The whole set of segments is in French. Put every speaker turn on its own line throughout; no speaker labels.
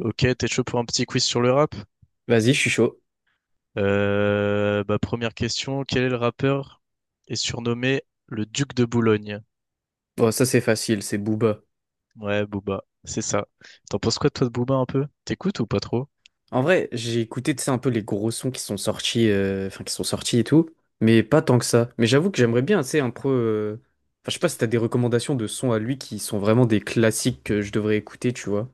Ok, t'es chaud pour un petit quiz sur le rap?
Vas-y, je suis chaud.
Première question, quel est le rappeur est surnommé le Duc de Boulogne?
Bon, ça c'est facile, c'est Booba.
Ouais, Booba, c'est ça. T'en penses quoi toi de Booba un peu? T'écoutes ou pas trop?
En vrai, j'ai écouté, tu sais, un peu les gros sons qui sont sortis, enfin qui sont sortis et tout, mais pas tant que ça. Mais j'avoue que j'aimerais bien, tu sais, un peu. Enfin, je sais pas si t'as des recommandations de sons à lui qui sont vraiment des classiques que je devrais écouter, tu vois.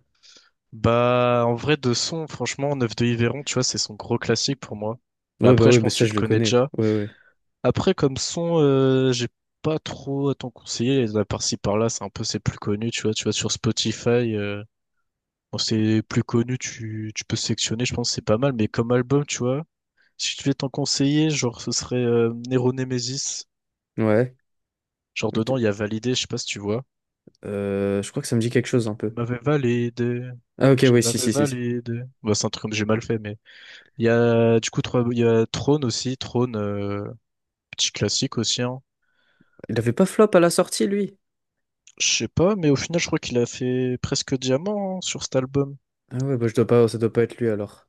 Bah en vrai de son, franchement, Neuf de Yveron, tu vois, c'est son gros classique pour moi. Mais après,
Ouais,
je
bah
pense que
ça
tu
je
le
le
connais
connais.
déjà.
Ouais,
Après, comme son, j'ai pas trop à t'en conseiller. À par-ci par-là, c'est un peu ses plus connus, tu vois. Tu vois, sur Spotify, bon, c'est plus connu, tu peux sélectionner, je pense que c'est pas mal. Mais comme album, tu vois. Si je devais t'en conseiller, genre, ce serait Nero Nemesis.
ouais. Ouais,
Genre, dedans, il y a
ok.
validé, je sais pas si tu vois.
Je crois que ça me dit quelque chose un
Elle
peu.
m'avait validé.
Ah ok,
Je
ouais, si,
l'avais
si, si, si.
validé. Bah, c'est un truc comme j'ai mal fait, mais. Il y a, du coup, il y a Throne aussi. Throne, petit classique aussi, hein.
Il avait pas flop à la sortie, lui?
Je sais pas, mais au final, je crois qu'il a fait presque diamant hein, sur cet album.
Ah ouais, bah je dois pas, ça doit pas être lui alors.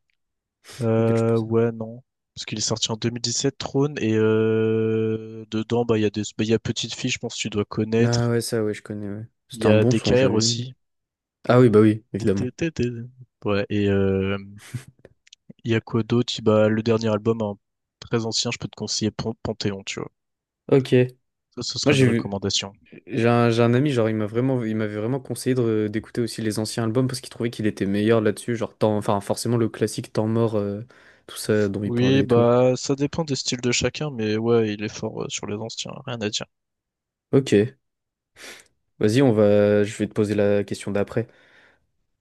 Auquel je pensais.
Ouais, non. Parce qu'il est sorti en 2017, Throne, et dedans, il y a des, bah, il y a Petite Fille, je pense que tu dois
Ah
connaître.
ouais, ça ouais, je connais, ouais.
Il
C'était
y
un
a
bon son,
DKR
j'avais.
aussi.
Ah oui, bah oui, évidemment.
Ouais, et il y a quoi d'autre? Bah, le dernier album, hein, très ancien, je peux te conseiller Panthéon, tu vois.
Ok.
Ça, ce
Moi,
serait mes
j'ai vu,
recommandations.
j'ai un ami, genre, il m'avait vraiment conseillé de- d'écouter aussi les anciens albums parce qu'il trouvait qu'il était meilleur là-dessus, genre, temps, enfin, forcément, le classique Temps mort, tout ça dont il
Oui,
parlait et tout.
bah, ça dépend des styles de chacun, mais ouais, il est fort sur les anciens, rien à dire.
Ok. Je vais te poser la question d'après.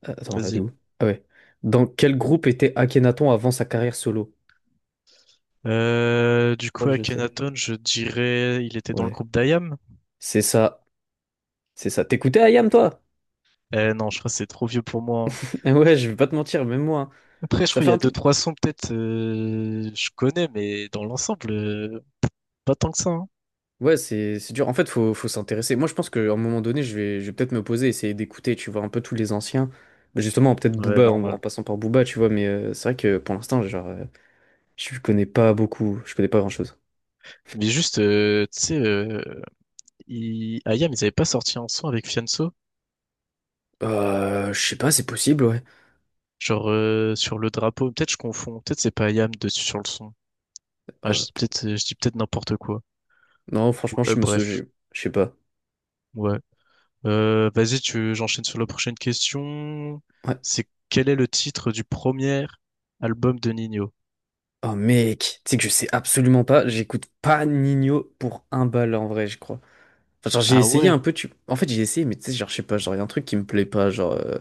Attends, elle est
Vas-y.
où? Ah ouais. Dans quel groupe était Akhenaton avant sa carrière solo?
Du
Je crois
coup,
que je sais.
Akhenaton, je dirais, il était dans le
Ouais.
groupe d'IAM.
C'est ça. C'est ça. T'écoutais Ayam toi?
Non, je crois que c'est trop vieux pour moi, hein.
Ouais, je vais pas te mentir, même moi. Hein.
Après, je
Ça
crois qu'il
fait
y a
un
deux,
peu.
trois sons, peut-être, je connais, mais dans l'ensemble, pas tant que ça, hein.
Ouais, c'est dur. En fait, faut s'intéresser. Moi, je pense qu'à un moment donné, je vais peut-être me poser, essayer d'écouter, tu vois, un peu tous les anciens. Bah, justement, peut-être
Ouais,
Booba en
normal.
passant par Booba, tu vois. Mais c'est vrai que pour l'instant, genre, je connais pas beaucoup. Je connais pas grand-chose.
Mais juste, Ils... IAM, ils avaient pas sorti un son avec Fianso?
Je sais pas, c'est possible, ouais.
Genre sur le drapeau. Peut-être je confonds. Peut-être c'est pas Ayam dessus sur le son. Ah,
Euh,
je dis peut-être n'importe quoi.
non,
Ouais,
franchement,
bref.
je sais pas.
Ouais. Vas-y, tu j'enchaîne sur la prochaine question.
Ouais.
C'est quel est le titre du premier album de Nino?
Oh mec, tu sais que je sais absolument pas. J'écoute pas Nino pour un bal en vrai, je crois. Enfin, genre, j'ai
Ah
essayé
ouais,
un peu. Tu... En fait, j'ai essayé, mais tu sais, genre, je sais pas. Genre, y a un truc qui me plaît pas, genre.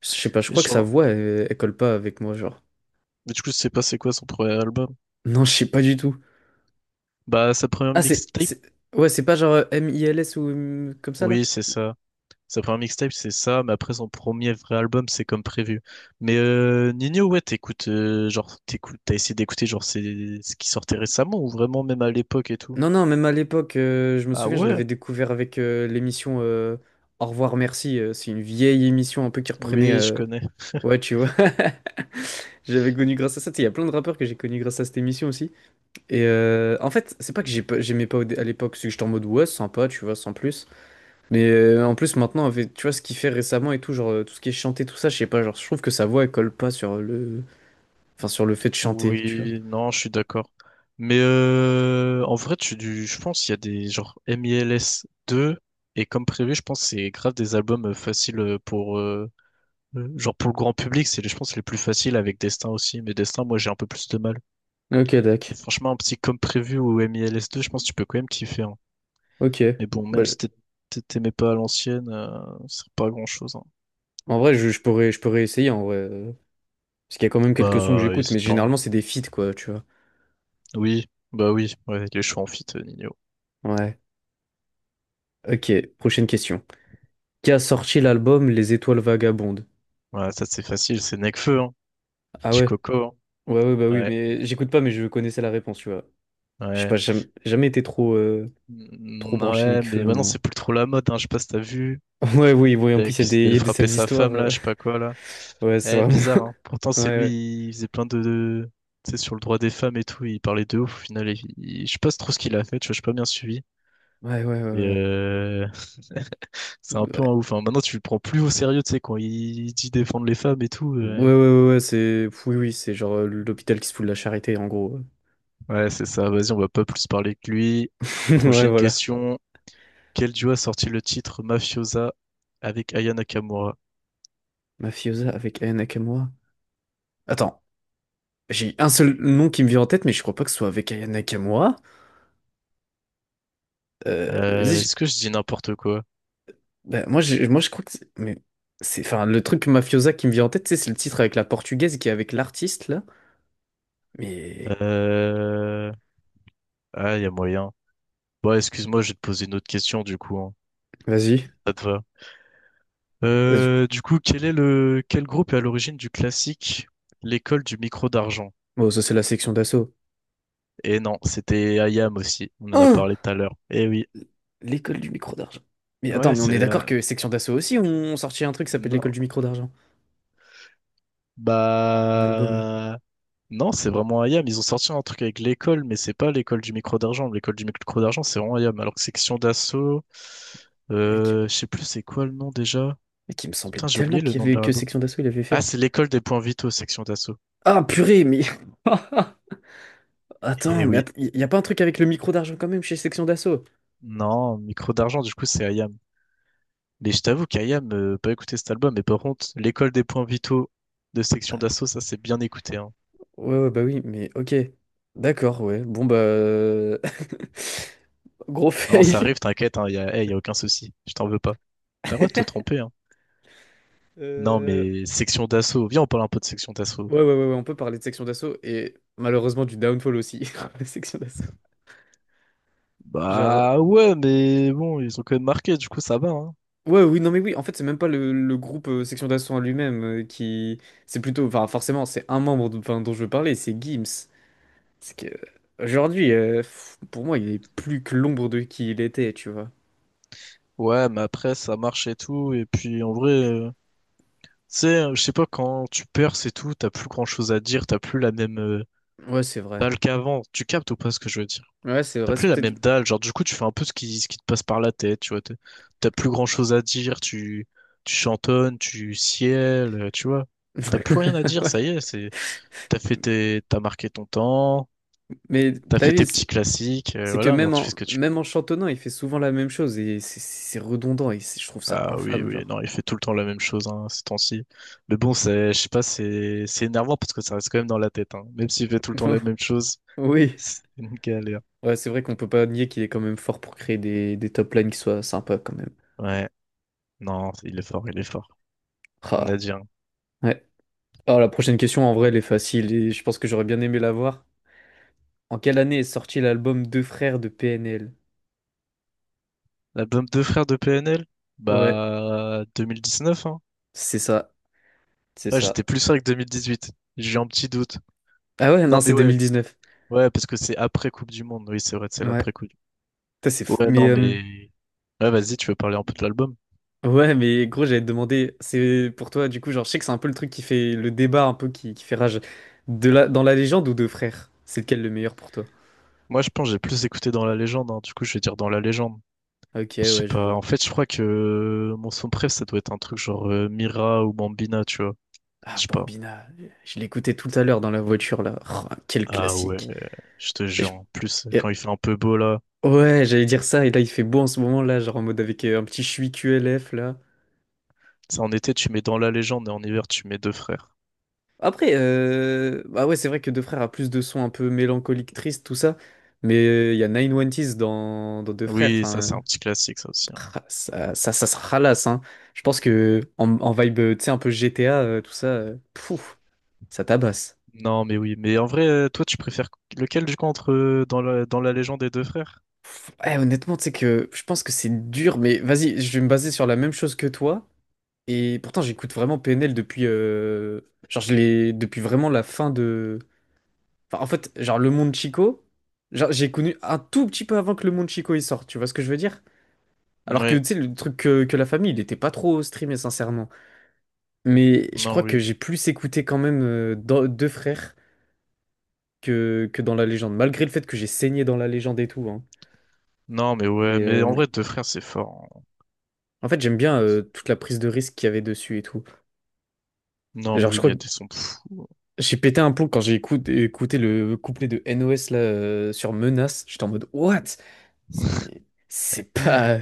Je sais pas, je crois que sa
genre
voix, elle colle pas avec moi, genre.
mais du coup, je sais pas c'est quoi son premier album.
Non, je sais pas du tout.
Bah sa première
Ah,
mixtape?
c'est- Ouais, c'est pas genre M.I.L.S. ou comme ça, là?
Oui, c'est ça. Sa première mixtape, c'est ça, mais après son premier vrai album, c'est comme prévu. Mais Nino, ouais, t'écoutes, t'as essayé d'écouter, genre, c'est ce qui sortait récemment, ou vraiment même à l'époque et tout.
Non, non, même à l'époque, je me
Ah
souviens, je
ouais?
l'avais découvert avec l'émission Au revoir, merci. C'est une vieille émission un peu qui reprenait...
Oui, je connais.
ouais, tu vois. J'avais connu grâce à ça. Tu sais, il y a plein de rappeurs que j'ai connus grâce à cette émission aussi. Et en fait, c'est pas que j'ai pas- j'aimais pas au dé- à l'époque, c'est que j'étais en mode ouais, sympa, tu vois, sans plus. Mais en plus maintenant avec tu vois ce qu'il fait récemment et tout genre tout ce qui est chanté tout ça je sais pas genre je trouve que sa voix elle colle pas sur le enfin sur le fait de chanter tu
Oui, non, je suis d'accord. Mais en vrai, je pense qu'il y a des, genre, MILS 2, et comme prévu, je pense que c'est grave des albums faciles genre, pour le grand public, je pense, les plus faciles avec Destin aussi, mais Destin, moi, j'ai un peu plus de mal.
vois. Ok
Mais
Dak.
franchement, un petit comme prévu ou mils deux je pense que tu peux quand même kiffer, hein.
Ok.
Mais bon,
Bah,
même si
je-
t'aimais pas à l'ancienne, ça pas grand-chose, hein.
en vrai je pourrais essayer en vrai parce qu'il y a quand même quelques sons que
Bah,
j'écoute mais
hésite pas, hein.
généralement c'est des feats quoi tu vois.
Oui, bah oui, ouais, il est en fit, Nino.
Ouais. Ok, prochaine question. Qui a sorti l'album Les Étoiles Vagabondes?
Ouais, ça c'est facile, c'est Nekfeu, hein.
Ah
Petit
ouais.
coco,
Ouais ouais bah
hein.
oui
Ouais,
mais j'écoute pas mais je connaissais la réponse tu vois. Je sais
ouais.
pas j'ai jamais, jamais été trop trop
Mm,
branché
ouais, mais
Nekfeu
maintenant
moi.
c'est plus trop la mode, hein. Je sais pas si t'as vu.
Ouais oui oui en
Il y a
plus il y a
qui ouais.
des il
S'était
y a des
frappé
sales
sa
histoires.
femme, là, je sais pas quoi, là.
Ouais, c'est
Eh,
vraiment.
bizarre, hein. Pourtant, c'est
Ouais,
lui, il faisait plein de... Tu sais, sur le droit des femmes et tout, il parlait de ouf, au final. Je sais pas trop ce qu'il a fait, tu vois, j'ai pas bien suivi.
ouais, ouais, ouais,
Mais
ouais, ouais,
euh, c'est un peu un
ouais,
ouf, hein. Maintenant, tu le prends plus au sérieux, tu sais, quand il dit défendre les femmes et tout.
ouais,
euh.
ouais, ouais, ouais, c'est, oui, oui, c'est genre l'hôpital qui se fout de la charité, en gros.
Ouais, c'est ça. Vas-y, on va pas plus parler que lui.
Ouais,
Prochaine
voilà.
question. Quel duo a sorti le titre Mafiosa avec Aya Nakamura?
Mafiosa avec Aya Nakamura. Attends, j'ai un seul nom qui me vient en tête, mais je crois pas que ce soit avec Aya Nakamura. Vas-y, je-
Est-ce que je dis n'importe quoi?
bah, moi, je crois que, c'est- mais c'est, enfin, le truc Mafiosa qui me vient en tête, tu sais, c'est le titre avec la portugaise qui est avec l'artiste là. Mais
Euh... Ah, il y a moyen. Bon, excuse-moi, je vais te poser une autre question du coup, hein.
vas-y.
Ça te va.
Je-
Quel est le quel groupe est à l'origine du classique L'école du micro d'argent?
Bon, ça c'est la section d'assaut.
Et non, c'était Ayam aussi. On en a
Hein.
parlé tout à l'heure. Eh oui.
L'école du micro d'argent. Mais attends,
Ouais,
mais on
c'est...
est d'accord
euh,
que Section d'Assaut aussi ont sorti un truc qui s'appelle l'école
Non.
du micro d'argent. Un album.
Bah... Non, c'est vraiment Ayam. Ils ont sorti un truc avec l'école, mais c'est pas l'école du micro d'argent. L'école du micro d'argent, c'est vraiment Ayam. Alors que section d'assaut...
Mais qui,
Je sais plus c'est quoi le nom déjà.
mais qui me
Putain,
semblait
j'ai
tellement
oublié le
qu'il
nom
y
de
avait
leur
que
album.
Section d'Assaut il avait
Ah,
fait.
c'est l'école des points vitaux, section d'assaut.
Ah purée, mais. Attends,
Eh
mais
oui.
att- y a pas un truc avec le micro d'argent quand même chez Section d'Assaut?
Non, micro d'argent, du coup, c'est Ayam. Mais je t'avoue qu'Ayam, pas écouté cet album, mais par contre, l'école des points vitaux de section
Ah,
d'assaut, ça c'est bien écouté, hein.
ouais, ouais, bah oui, mais ok. D'accord, ouais. Bon bah. Gros
Non, ça
fail.
arrive, t'inquiète, eh, y a aucun souci. Je t'en veux pas. T'as le droit de te tromper, hein. Non,
Euh,
mais section d'assaut. Viens, on parle un peu de section d'assaut.
Ouais, ouais, ouais, ouais, on peut parler de Section d'Assaut et malheureusement du downfall aussi. De Section d'Assaut. Genre.
Bah ouais, mais bon, ils ont quand même marqué, du coup ça va, hein.
Ouais, oui, non, mais oui, en fait, c'est même pas le groupe Section d'Assaut en lui-même qui. C'est plutôt. Enfin, forcément, c'est un membre dont, enfin, dont je veux parler, c'est Gims. C'est que. Aujourd'hui, pour moi, il est plus que l'ombre de qui il était, tu vois.
Ouais, mais après ça marche et tout, et puis en vrai, je sais pas, quand tu perds et tout, t'as plus grand chose à dire, t'as plus la même
Ouais, c'est vrai.
dalle qu'avant. Tu captes ou pas ce que je veux dire?
Ouais, c'est
T'as
vrai,
plus
c'est
la
peut-être.
même dalle, genre du coup tu fais un peu ce qui te passe par la tête, tu vois. T'as plus grand chose à dire, tu chantonnes, tu ciels, tu vois. T'as plus rien à dire,
Ouais.
ça y est, c'est, t'as fait tes, t'as marqué ton temps,
Mais
t'as
t'as
fait
vu,
tes petits classiques,
c'est que
voilà, maintenant
même
tu
en,
fais ce que tu.
même en chantonnant, il fait souvent la même chose et c'est redondant et c'est- je trouve ça
Ah oui,
infâme,
oui,
genre.
non, il fait tout le temps la même chose, hein, ces temps-ci. Mais bon, c'est, je sais pas, c'est énervant parce que ça reste quand même dans la tête, hein. Même s'il fait tout le temps la même chose,
Oui.
c'est une galère.
Ouais, c'est vrai qu'on peut pas nier qu'il est quand même fort pour créer des top lines qui soient sympas quand même.
Ouais, non, il est fort, il est fort. On a
Ah.
dit, hein.
Ouais. Alors, la prochaine question, en vrai, elle est facile et je pense que j'aurais bien aimé la voir. En quelle année est sorti l'album Deux frères de PNL?
L'album Deux frères de PNL?
Ouais,
Bah, 2019, hein.
c'est ça, c'est
Ouais, j'étais
ça.
plus sûr que 2018. J'ai un petit doute.
Ah ouais,
Non,
non,
mais
c'est
ouais.
2019.
Ouais, parce que c'est après Coupe du Monde. Oui, c'est vrai, c'est
Ouais,
l'après Coupe du
putain, c'est...
Monde.
f-
Ouais,
Mais,
non, mais... Ouais, vas-y, tu veux parler un peu de l'album?
ouais, mais gros, j'allais te demander, c'est pour toi, du coup, genre, je sais que c'est un peu le truc qui fait le débat, un peu qui fait rage. De la... Dans la légende ou Deux frères? C'est lequel le meilleur pour toi?
Moi, je pense que j'ai plus écouté dans la légende, hein. Du coup, je vais dire dans la légende.
Ok,
Je sais
ouais, je
pas.
vois.
En fait, je crois que mon son préf, ça doit être un truc genre Mira ou Bambina, tu vois.
Ah,
Je sais pas.
Bambina, je l'écoutais tout à l'heure dans la voiture, là. Oh, quel
Ah ouais,
classique.
je te
Et
jure.
je-
En plus, quand il fait un peu beau, là.
Ouais, j'allais dire ça, et là il fait beau en ce moment là, genre en mode avec un petit chui QLF là.
Ça, en été, tu mets dans la légende et en hiver, tu mets deux frères.
Après, bah ouais, c'est vrai que Deux Frères a plus de sons un peu mélancoliques, tristes, tout ça, mais il y a 910 dans... dans Deux Frères,
Oui, ça c'est
enfin,
un petit classique ça aussi, hein.
ah, ça se ralasse, hein. Je pense que en vibe, tu sais, un peu GTA, tout ça, pouf, ça tabasse.
Non, mais oui, mais en vrai, toi tu préfères lequel du coup entre dans la légende des deux frères?
Ouais, honnêtement, tu sais que je pense que c'est dur, mais vas-y, je vais me baser sur la même chose que toi. Et pourtant, j'écoute vraiment PNL depuis, genre, je l'ai depuis vraiment la fin de, enfin, en fait, genre le monde Chico, genre j'ai connu un tout petit peu avant que le monde Chico il sorte, tu vois ce que je veux dire? Alors que
Ouais,
tu sais, le truc que la famille, il était pas trop streamé sincèrement. Mais je
non,
crois que
oui.
j'ai plus écouté quand même dans- deux frères que dans la légende, malgré le fait que j'ai saigné dans la légende et tout, hein.
Non, mais
Mais
ouais, mais en vrai, deux frères c'est fort, hein.
en fait, j'aime bien toute la prise de risque qu'il y avait dessus et tout.
Non, mais
Genre, je
oui,
crois que
Miette et son fou.
j'ai pété un plomb quand j'ai écout- écouté le couplet de NOS là sur Menace, j'étais en mode What? C'est c'est pas.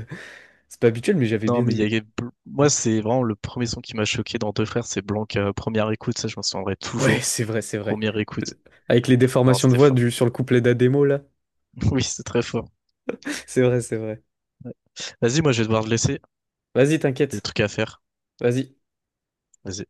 C'est pas habituel, mais j'avais
Non,
bien
mais il
aimé.
y a... moi c'est vraiment le premier son qui m'a choqué dans deux frères, c'est Blanc première écoute, ça je m'en souviendrai
Ouais,
toujours.
c'est vrai, c'est vrai.
Première
Euh,
écoute.
Avec les
Non,
déformations de
c'était
voix
fort.
du, sur le couplet d'Ademo, là.
Oui, c'est très fort.
C'est vrai, c'est vrai.
Vas-y, moi, je vais devoir te laisser.
Vas-y,
Des
t'inquiète.
trucs à faire.
Vas-y.
Vas-y.